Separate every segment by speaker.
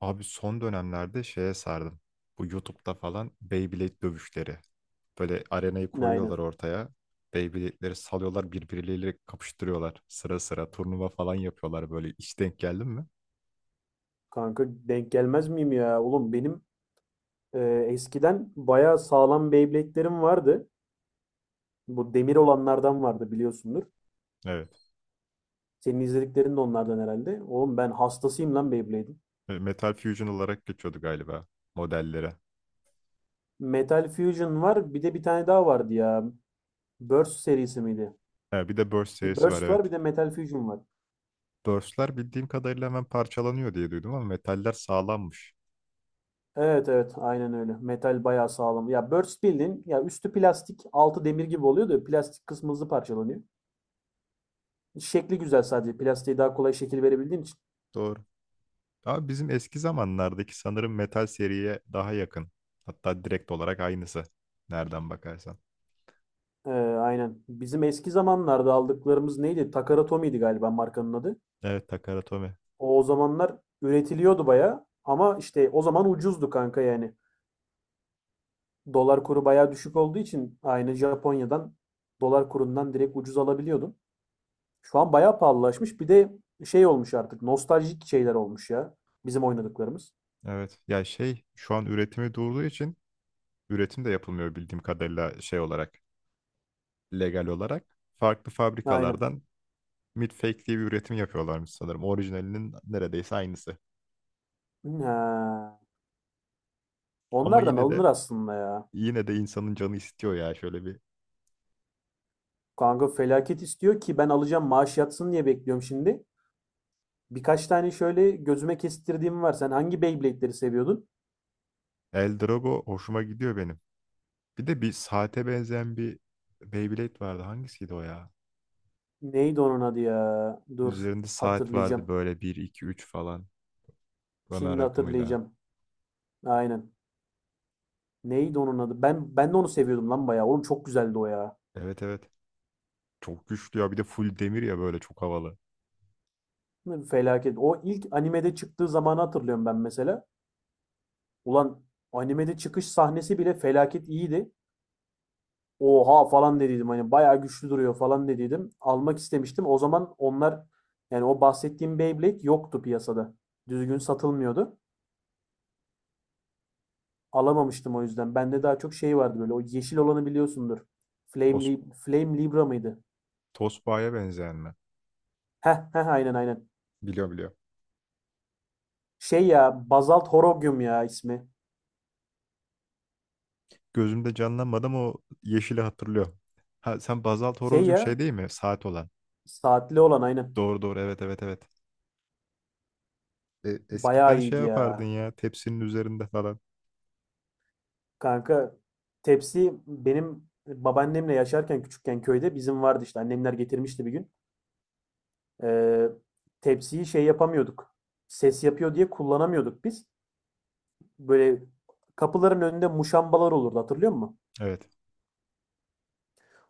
Speaker 1: Abi son dönemlerde şeye sardım. Bu YouTube'da falan Beyblade dövüşleri. Böyle arenayı koyuyorlar
Speaker 2: Aynen.
Speaker 1: ortaya. Beyblade'leri salıyorlar birbirleriyle kapıştırıyorlar. Sıra sıra turnuva falan yapıyorlar böyle. Hiç denk geldin mi?
Speaker 2: Kanka denk gelmez miyim ya? Oğlum benim e, eskiden bayağı sağlam Beyblade'lerim vardı. Bu demir olanlardan vardı biliyorsundur.
Speaker 1: Evet.
Speaker 2: Senin izlediklerin de onlardan herhalde. Oğlum ben hastasıyım lan Beyblade'in.
Speaker 1: Metal Fusion olarak geçiyordu galiba modellere.
Speaker 2: Metal Fusion var. Bir de bir tane daha vardı ya. Burst serisi miydi?
Speaker 1: Ha, bir de Burst
Speaker 2: Bir
Speaker 1: serisi var,
Speaker 2: Burst
Speaker 1: evet.
Speaker 2: var bir de Metal Fusion var.
Speaker 1: Burst'ler bildiğim kadarıyla hemen parçalanıyor diye duydum ama metaller sağlammış.
Speaker 2: Evet evet aynen öyle. Metal bayağı sağlam. Ya Burst bildiğin ya üstü plastik altı demir gibi oluyor da plastik kısmı hızlı parçalanıyor. Şekli güzel sadece. Plastiğe daha kolay şekil verebildiğin için.
Speaker 1: Doğru. Abi bizim eski zamanlardaki sanırım metal seriye daha yakın. Hatta direkt olarak aynısı. Nereden bakarsan.
Speaker 2: Ee, aynen. Bizim eski zamanlarda aldıklarımız neydi? Takara Tommy'ydi galiba markanın adı.
Speaker 1: Evet, Takara.
Speaker 2: O zamanlar üretiliyordu baya ama işte o zaman ucuzdu kanka yani. Dolar kuru baya düşük olduğu için aynı Japonya'dan dolar kurundan direkt ucuz alabiliyordun. Şu an baya pahalılaşmış. Bir de şey olmuş artık nostaljik şeyler olmuş ya bizim oynadıklarımız.
Speaker 1: Evet. Ya şey, şu an üretimi durduğu için üretim de yapılmıyor bildiğim kadarıyla şey olarak. Legal olarak. Farklı
Speaker 2: Aynen.
Speaker 1: fabrikalardan mid-fake diye bir üretim yapıyorlarmış sanırım. Orijinalinin neredeyse aynısı.
Speaker 2: Ha.
Speaker 1: Ama
Speaker 2: Onlardan
Speaker 1: yine
Speaker 2: alınır
Speaker 1: de
Speaker 2: aslında ya.
Speaker 1: yine de insanın canı istiyor ya şöyle bir.
Speaker 2: Kanka felaket istiyor ki ben alacağım maaş yatsın diye bekliyorum şimdi. Birkaç tane şöyle gözüme kestirdiğim var. Sen hangi Beyblade'leri seviyordun?
Speaker 1: El Drago hoşuma gidiyor benim. Bir de bir saate benzeyen bir Beyblade vardı. Hangisiydi o ya?
Speaker 2: Neydi onun adı ya? Dur,
Speaker 1: Üzerinde saat vardı
Speaker 2: hatırlayacağım.
Speaker 1: böyle, bir 2 3 falan. Ömer
Speaker 2: Şimdi
Speaker 1: rakamıyla.
Speaker 2: hatırlayacağım. Aynen. Neydi onun adı? Ben de onu seviyordum lan bayağı. Oğlum çok güzeldi o ya.
Speaker 1: Evet, evet. Çok güçlü ya. Bir de full demir ya, böyle çok havalı.
Speaker 2: Felaket. O ilk animede çıktığı zamanı hatırlıyorum ben mesela. Ulan animede çıkış sahnesi bile felaket iyiydi. Oha falan dediydim. Hani bayağı güçlü duruyor falan dediydim. Almak istemiştim. O zaman onlar yani o bahsettiğim Beyblade yoktu piyasada. Düzgün satılmıyordu. Alamamıştım o yüzden. Bende daha çok şey vardı böyle. O yeşil olanı biliyorsundur.
Speaker 1: Tos,
Speaker 2: Flame Libra mıydı?
Speaker 1: Tosbağa'ya benzeyen mi?
Speaker 2: Heh heh aynen aynen.
Speaker 1: Biliyor, biliyor.
Speaker 2: Şey ya Basalt Horogium ya ismi.
Speaker 1: Gözümde canlanmadı ama o yeşili hatırlıyor. Ha, sen Bazalt
Speaker 2: Şey
Speaker 1: Horoz'cum şey
Speaker 2: ya
Speaker 1: değil mi? Saat olan.
Speaker 2: saatli olan aynen.
Speaker 1: Doğru doğru, evet evet evet. E, eskiden
Speaker 2: Bayağı
Speaker 1: şey
Speaker 2: iyiydi
Speaker 1: yapardın
Speaker 2: ya.
Speaker 1: ya tepsinin üzerinde falan.
Speaker 2: Kanka tepsi benim babaannemle yaşarken küçükken köyde bizim vardı işte. Annemler getirmişti bir gün. Ee, tepsiyi şey yapamıyorduk. Ses yapıyor diye kullanamıyorduk biz. Böyle kapıların önünde muşambalar olurdu hatırlıyor musun?
Speaker 1: Evet.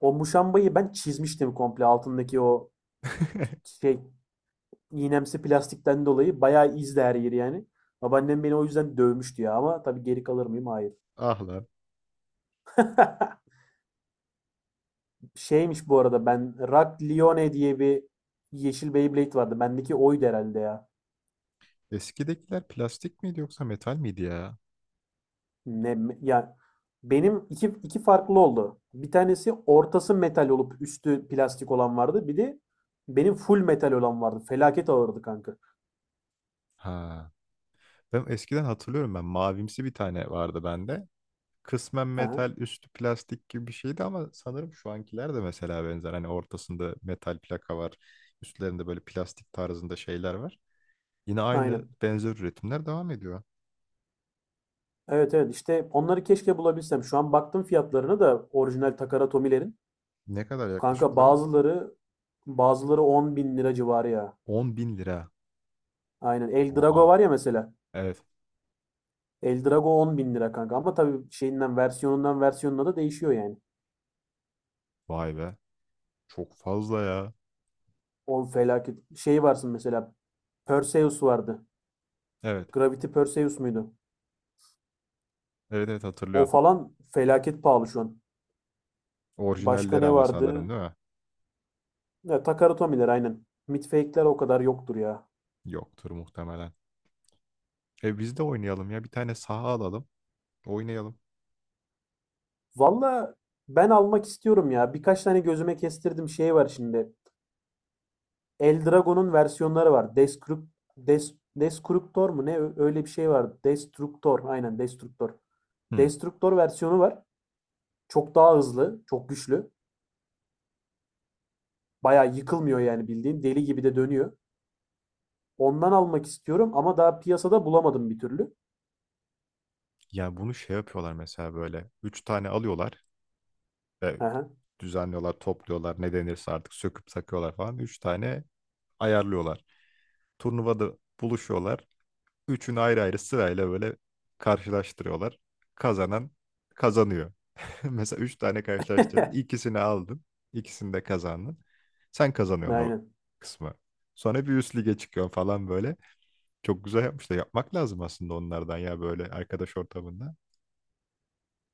Speaker 2: O muşambayı ben çizmiştim komple altındaki o şey iğnemsi plastikten dolayı bayağı izdi her yeri yani. Babaannem beni o yüzden dövmüştü ya ama tabii geri kalır mıyım? Hayır.
Speaker 1: Ah lan.
Speaker 2: Şeymiş bu arada ben Rock Lione diye bir yeşil Beyblade vardı. Bendeki oydu herhalde ya.
Speaker 1: Eskidekiler plastik miydi yoksa metal miydi ya?
Speaker 2: Ne ya benim iki farklı oldu. Bir tanesi ortası metal olup üstü plastik olan vardı. Bir de benim full metal olan vardı. Felaket ağırdı kanka.
Speaker 1: Ha. Ben eskiden hatırlıyorum, ben mavimsi bir tane vardı bende. Kısmen
Speaker 2: Ha,
Speaker 1: metal üstü plastik gibi bir şeydi ama sanırım şu ankiler de mesela benzer. Hani ortasında metal plaka var. Üstlerinde böyle plastik tarzında şeyler var. Yine aynı
Speaker 2: aynen.
Speaker 1: benzer üretimler devam ediyor.
Speaker 2: Evet evet işte onları keşke bulabilsem. Şu an baktım fiyatlarına da orijinal Takara Tomilerin.
Speaker 1: Ne kadar yaklaşık
Speaker 2: Kanka
Speaker 1: olarak?
Speaker 2: bazıları 10 bin lira civarı ya.
Speaker 1: 10.000 lira.
Speaker 2: Aynen. El Drago var
Speaker 1: Oha.
Speaker 2: ya mesela.
Speaker 1: Evet.
Speaker 2: El Drago 10 bin lira kanka. Ama tabii şeyinden versiyonundan versiyonuna da değişiyor yani.
Speaker 1: Vay be. Çok fazla ya.
Speaker 2: O felaket. Şey varsın mesela. Perseus vardı.
Speaker 1: Evet.
Speaker 2: Gravity Perseus muydu?
Speaker 1: Evet evet,
Speaker 2: O
Speaker 1: hatırlıyorum.
Speaker 2: falan felaket pahalı şu an. Başka
Speaker 1: Orijinalleri
Speaker 2: ne
Speaker 1: ama sanırım,
Speaker 2: vardı?
Speaker 1: değil mi?
Speaker 2: Ya, Takara Tomiler aynen. Midfake'ler o kadar yoktur ya.
Speaker 1: Yoktur muhtemelen. E biz de oynayalım ya. Bir tane saha alalım. Oynayalım.
Speaker 2: Valla ben almak istiyorum ya. Birkaç tane gözüme kestirdim şey var şimdi. Eldragon'un versiyonları var. Destructor mu ne? Öyle bir şey var. Destructor. Aynen Destructor.
Speaker 1: Hmm.
Speaker 2: Destructor versiyonu var. Çok daha hızlı, çok güçlü. Bayağı yıkılmıyor yani bildiğin. Deli gibi de dönüyor. Ondan almak istiyorum ama daha piyasada bulamadım bir türlü.
Speaker 1: Ya bunu şey yapıyorlar mesela böyle. Üç tane alıyorlar. E,
Speaker 2: Aha.
Speaker 1: düzenliyorlar, topluyorlar. Ne denirse artık söküp sakıyorlar falan. Üç tane ayarlıyorlar. Turnuvada buluşuyorlar. Üçünü ayrı ayrı sırayla böyle karşılaştırıyorlar. Kazanan kazanıyor. Mesela üç tane karşılaştırdın, ikisini aldın. İkisini de kazandın. Sen kazanıyorsun o
Speaker 2: Aynen.
Speaker 1: kısmı. Sonra bir üst lige çıkıyorsun falan böyle. Çok güzel yapmışlar. Yapmak lazım aslında onlardan ya, böyle arkadaş ortamında.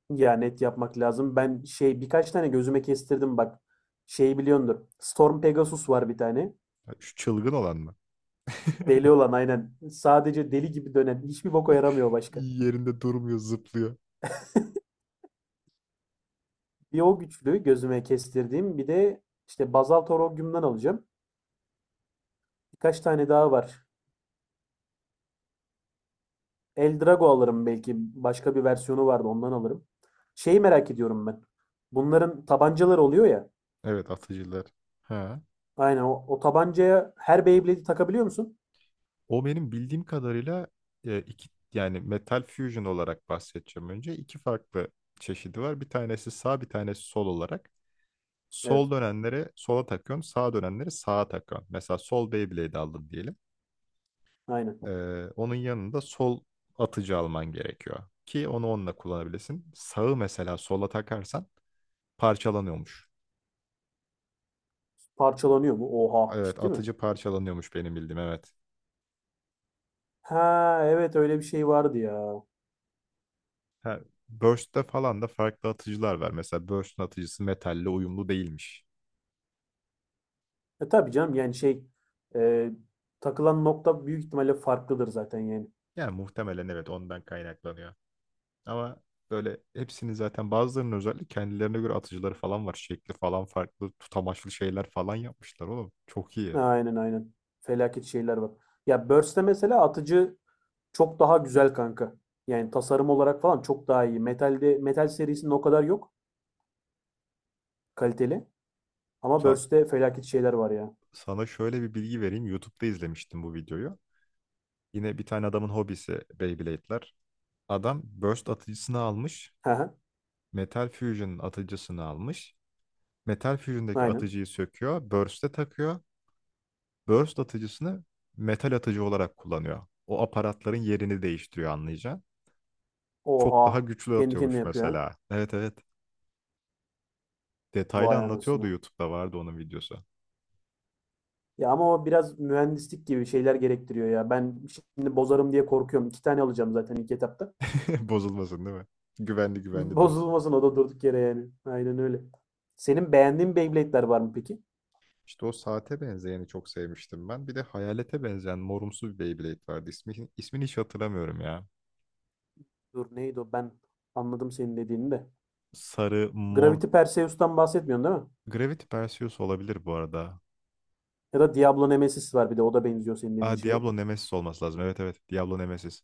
Speaker 2: Ya net yapmak lazım. Ben şey birkaç tane gözüme kestirdim bak. Şey biliyordur. Storm Pegasus var bir tane.
Speaker 1: Ya şu çılgın olan mı?
Speaker 2: Deli olan aynen. Sadece deli gibi dönen. Hiçbir boka yaramıyor başka.
Speaker 1: Yerinde durmuyor, zıplıyor.
Speaker 2: Bir o güçlü gözüme kestirdiğim. Bir de işte Bazal Torogium'dan alacağım. Birkaç tane daha var. Eldrago alırım belki. Başka bir versiyonu vardı ondan alırım. Şeyi merak ediyorum ben. Bunların tabancaları oluyor ya.
Speaker 1: Evet, atıcılar. Ha.
Speaker 2: Aynen o tabancaya her Beyblade'i takabiliyor musun?
Speaker 1: O benim bildiğim kadarıyla, iki, yani metal fusion olarak bahsedeceğim önce. İki farklı çeşidi var. Bir tanesi sağ, bir tanesi sol olarak.
Speaker 2: Evet.
Speaker 1: Sol dönenleri sola takıyorsun, sağ dönenleri sağa takıyorsun. Mesela sol Beyblade aldın diyelim.
Speaker 2: Aynen.
Speaker 1: Ee, onun yanında sol atıcı alman gerekiyor ki onu onunla kullanabilirsin. Sağı mesela sola takarsan parçalanıyormuş.
Speaker 2: Parçalanıyor mu? Oha.
Speaker 1: Evet,
Speaker 2: Ciddi mi?
Speaker 1: atıcı parçalanıyormuş benim bildiğim. Evet.
Speaker 2: Ha, evet öyle bir şey vardı ya.
Speaker 1: Ha, Burst'te falan da farklı atıcılar var. Mesela Burst'un atıcısı metalle uyumlu değilmiş.
Speaker 2: E tabii canım yani şey e, takılan nokta büyük ihtimalle farklıdır zaten yani.
Speaker 1: Yani muhtemelen evet, ondan kaynaklanıyor. Ama böyle hepsinin, zaten bazılarının özellikle, kendilerine göre atıcıları falan var. Şekli falan farklı, tutamaçlı şeyler falan yapmışlar oğlum. Çok iyi.
Speaker 2: Aynen aynen. Felaket şeyler var. Ya Burst'te mesela atıcı çok daha güzel kanka. Yani tasarım olarak falan çok daha iyi. Metal'de Metal serisinin o kadar yok kaliteli. Ama
Speaker 1: Sa-
Speaker 2: Burst'te felaket şeyler var ya.
Speaker 1: Sana şöyle bir bilgi vereyim. YouTube'da izlemiştim bu videoyu. Yine bir tane adamın hobisi Beyblade'ler. Adam Burst atıcısını almış.
Speaker 2: Hı hı.
Speaker 1: Metal Fusion'ın atıcısını almış. Metal Fusion'daki
Speaker 2: Aynen.
Speaker 1: atıcıyı söküyor. Burst'e takıyor. Burst atıcısını metal atıcı olarak kullanıyor. O aparatların yerini değiştiriyor anlayacağın. Çok daha
Speaker 2: Oha.
Speaker 1: güçlü
Speaker 2: Kendi kendine
Speaker 1: atıyormuş
Speaker 2: yapıyor ha.
Speaker 1: mesela. Evet, evet. Detaylı
Speaker 2: Vay
Speaker 1: anlatıyordu,
Speaker 2: anasını.
Speaker 1: YouTube'da vardı onun videosu.
Speaker 2: Ya ama o biraz mühendislik gibi şeyler gerektiriyor ya. Ben şimdi bozarım diye korkuyorum. İki tane alacağım zaten ilk etapta.
Speaker 1: Bozulmasın değil mi? Güvenli güvenli dursun.
Speaker 2: Bozulmasın o da durduk yere yani. Aynen öyle. Senin beğendiğin Beyblade'ler var mı peki?
Speaker 1: İşte o saate benzeyeni çok sevmiştim ben. Bir de hayalete benzeyen morumsu bir Beyblade vardı. İsmi, ismini hiç hatırlamıyorum ya.
Speaker 2: Dur neydi o? Ben anladım senin dediğini de.
Speaker 1: Sarı, mor...
Speaker 2: Gravity Perseus'tan bahsetmiyorsun değil mi?
Speaker 1: Gravity Perseus olabilir bu arada.
Speaker 2: Ya da Diablo Nemesis var bir de o da benziyor senin
Speaker 1: Aa,
Speaker 2: dediğin şeye.
Speaker 1: Diablo Nemesis olması lazım. Evet evet. Diablo Nemesis.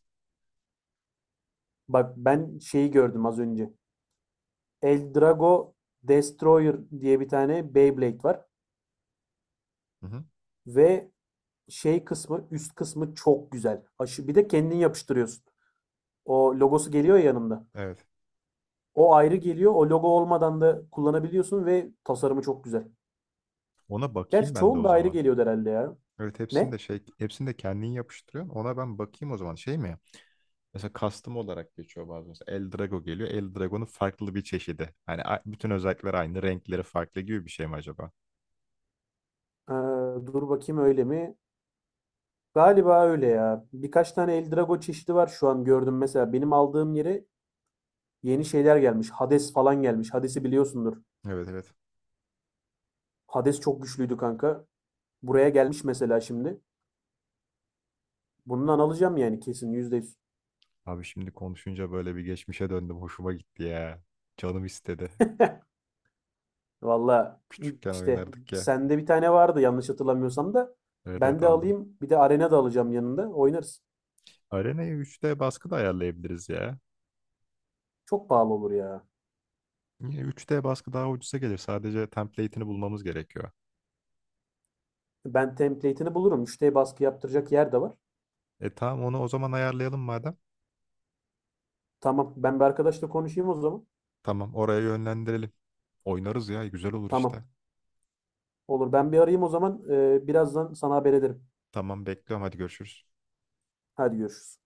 Speaker 2: Bak ben şeyi gördüm az önce. Eldrago Destroyer diye bir tane Beyblade var.
Speaker 1: Hı hı.
Speaker 2: Ve şey kısmı üst kısmı çok güzel. Aşı, bir de kendin yapıştırıyorsun. O logosu geliyor ya yanında.
Speaker 1: Evet.
Speaker 2: O ayrı geliyor. O logo olmadan da kullanabiliyorsun ve tasarımı çok güzel.
Speaker 1: Ona
Speaker 2: Gerçi
Speaker 1: bakayım ben de
Speaker 2: çoğun
Speaker 1: o
Speaker 2: da ayrı
Speaker 1: zaman.
Speaker 2: geliyordu herhâlde ya.
Speaker 1: Evet, hepsini de
Speaker 2: Ne?
Speaker 1: şey, hepsini de kendin yapıştırıyorsun. Ona ben bakayım o zaman. Şey mi? Mesela custom olarak geçiyor bazen. Mesela El Drago geliyor. El Drago'nun farklı bir çeşidi. Hani bütün özellikleri aynı, renkleri farklı gibi bir şey mi acaba?
Speaker 2: Eee, dur bakayım öyle mi? Galiba öyle ya. Birkaç tane Eldrago çeşidi var şu an gördüm mesela. Benim aldığım yere yeni şeyler gelmiş. Hades falan gelmiş. Hades'i biliyorsundur.
Speaker 1: Evet evet.
Speaker 2: Hades çok güçlüydü kanka. Buraya gelmiş mesela şimdi. Bundan alacağım yani kesin %100.
Speaker 1: Abi şimdi konuşunca böyle bir geçmişe döndüm. Hoşuma gitti ya. Canım istedi.
Speaker 2: Valla
Speaker 1: Küçükken
Speaker 2: işte
Speaker 1: oynardık ya.
Speaker 2: sende bir tane vardı yanlış hatırlamıyorsam da.
Speaker 1: Evet
Speaker 2: Ben
Speaker 1: evet,
Speaker 2: de
Speaker 1: aldım.
Speaker 2: alayım. Bir de arena da alacağım yanında. Oynarız.
Speaker 1: Arena'yı 3D baskı da ayarlayabiliriz ya.
Speaker 2: Çok pahalı olur ya.
Speaker 1: Yine 3D baskı daha ucuza gelir. Sadece template'ini bulmamız gerekiyor.
Speaker 2: Ben template'ini bulurum. Müşteri baskı yaptıracak yer de var.
Speaker 1: E tamam, onu o zaman ayarlayalım madem.
Speaker 2: Tamam. Ben bir arkadaşla konuşayım o zaman.
Speaker 1: Tamam, oraya yönlendirelim. Oynarız ya, güzel olur işte.
Speaker 2: Tamam. Olur. Ben bir arayayım o zaman. Birazdan sana haber ederim.
Speaker 1: Tamam, bekliyorum. Hadi görüşürüz.
Speaker 2: Hadi görüşürüz.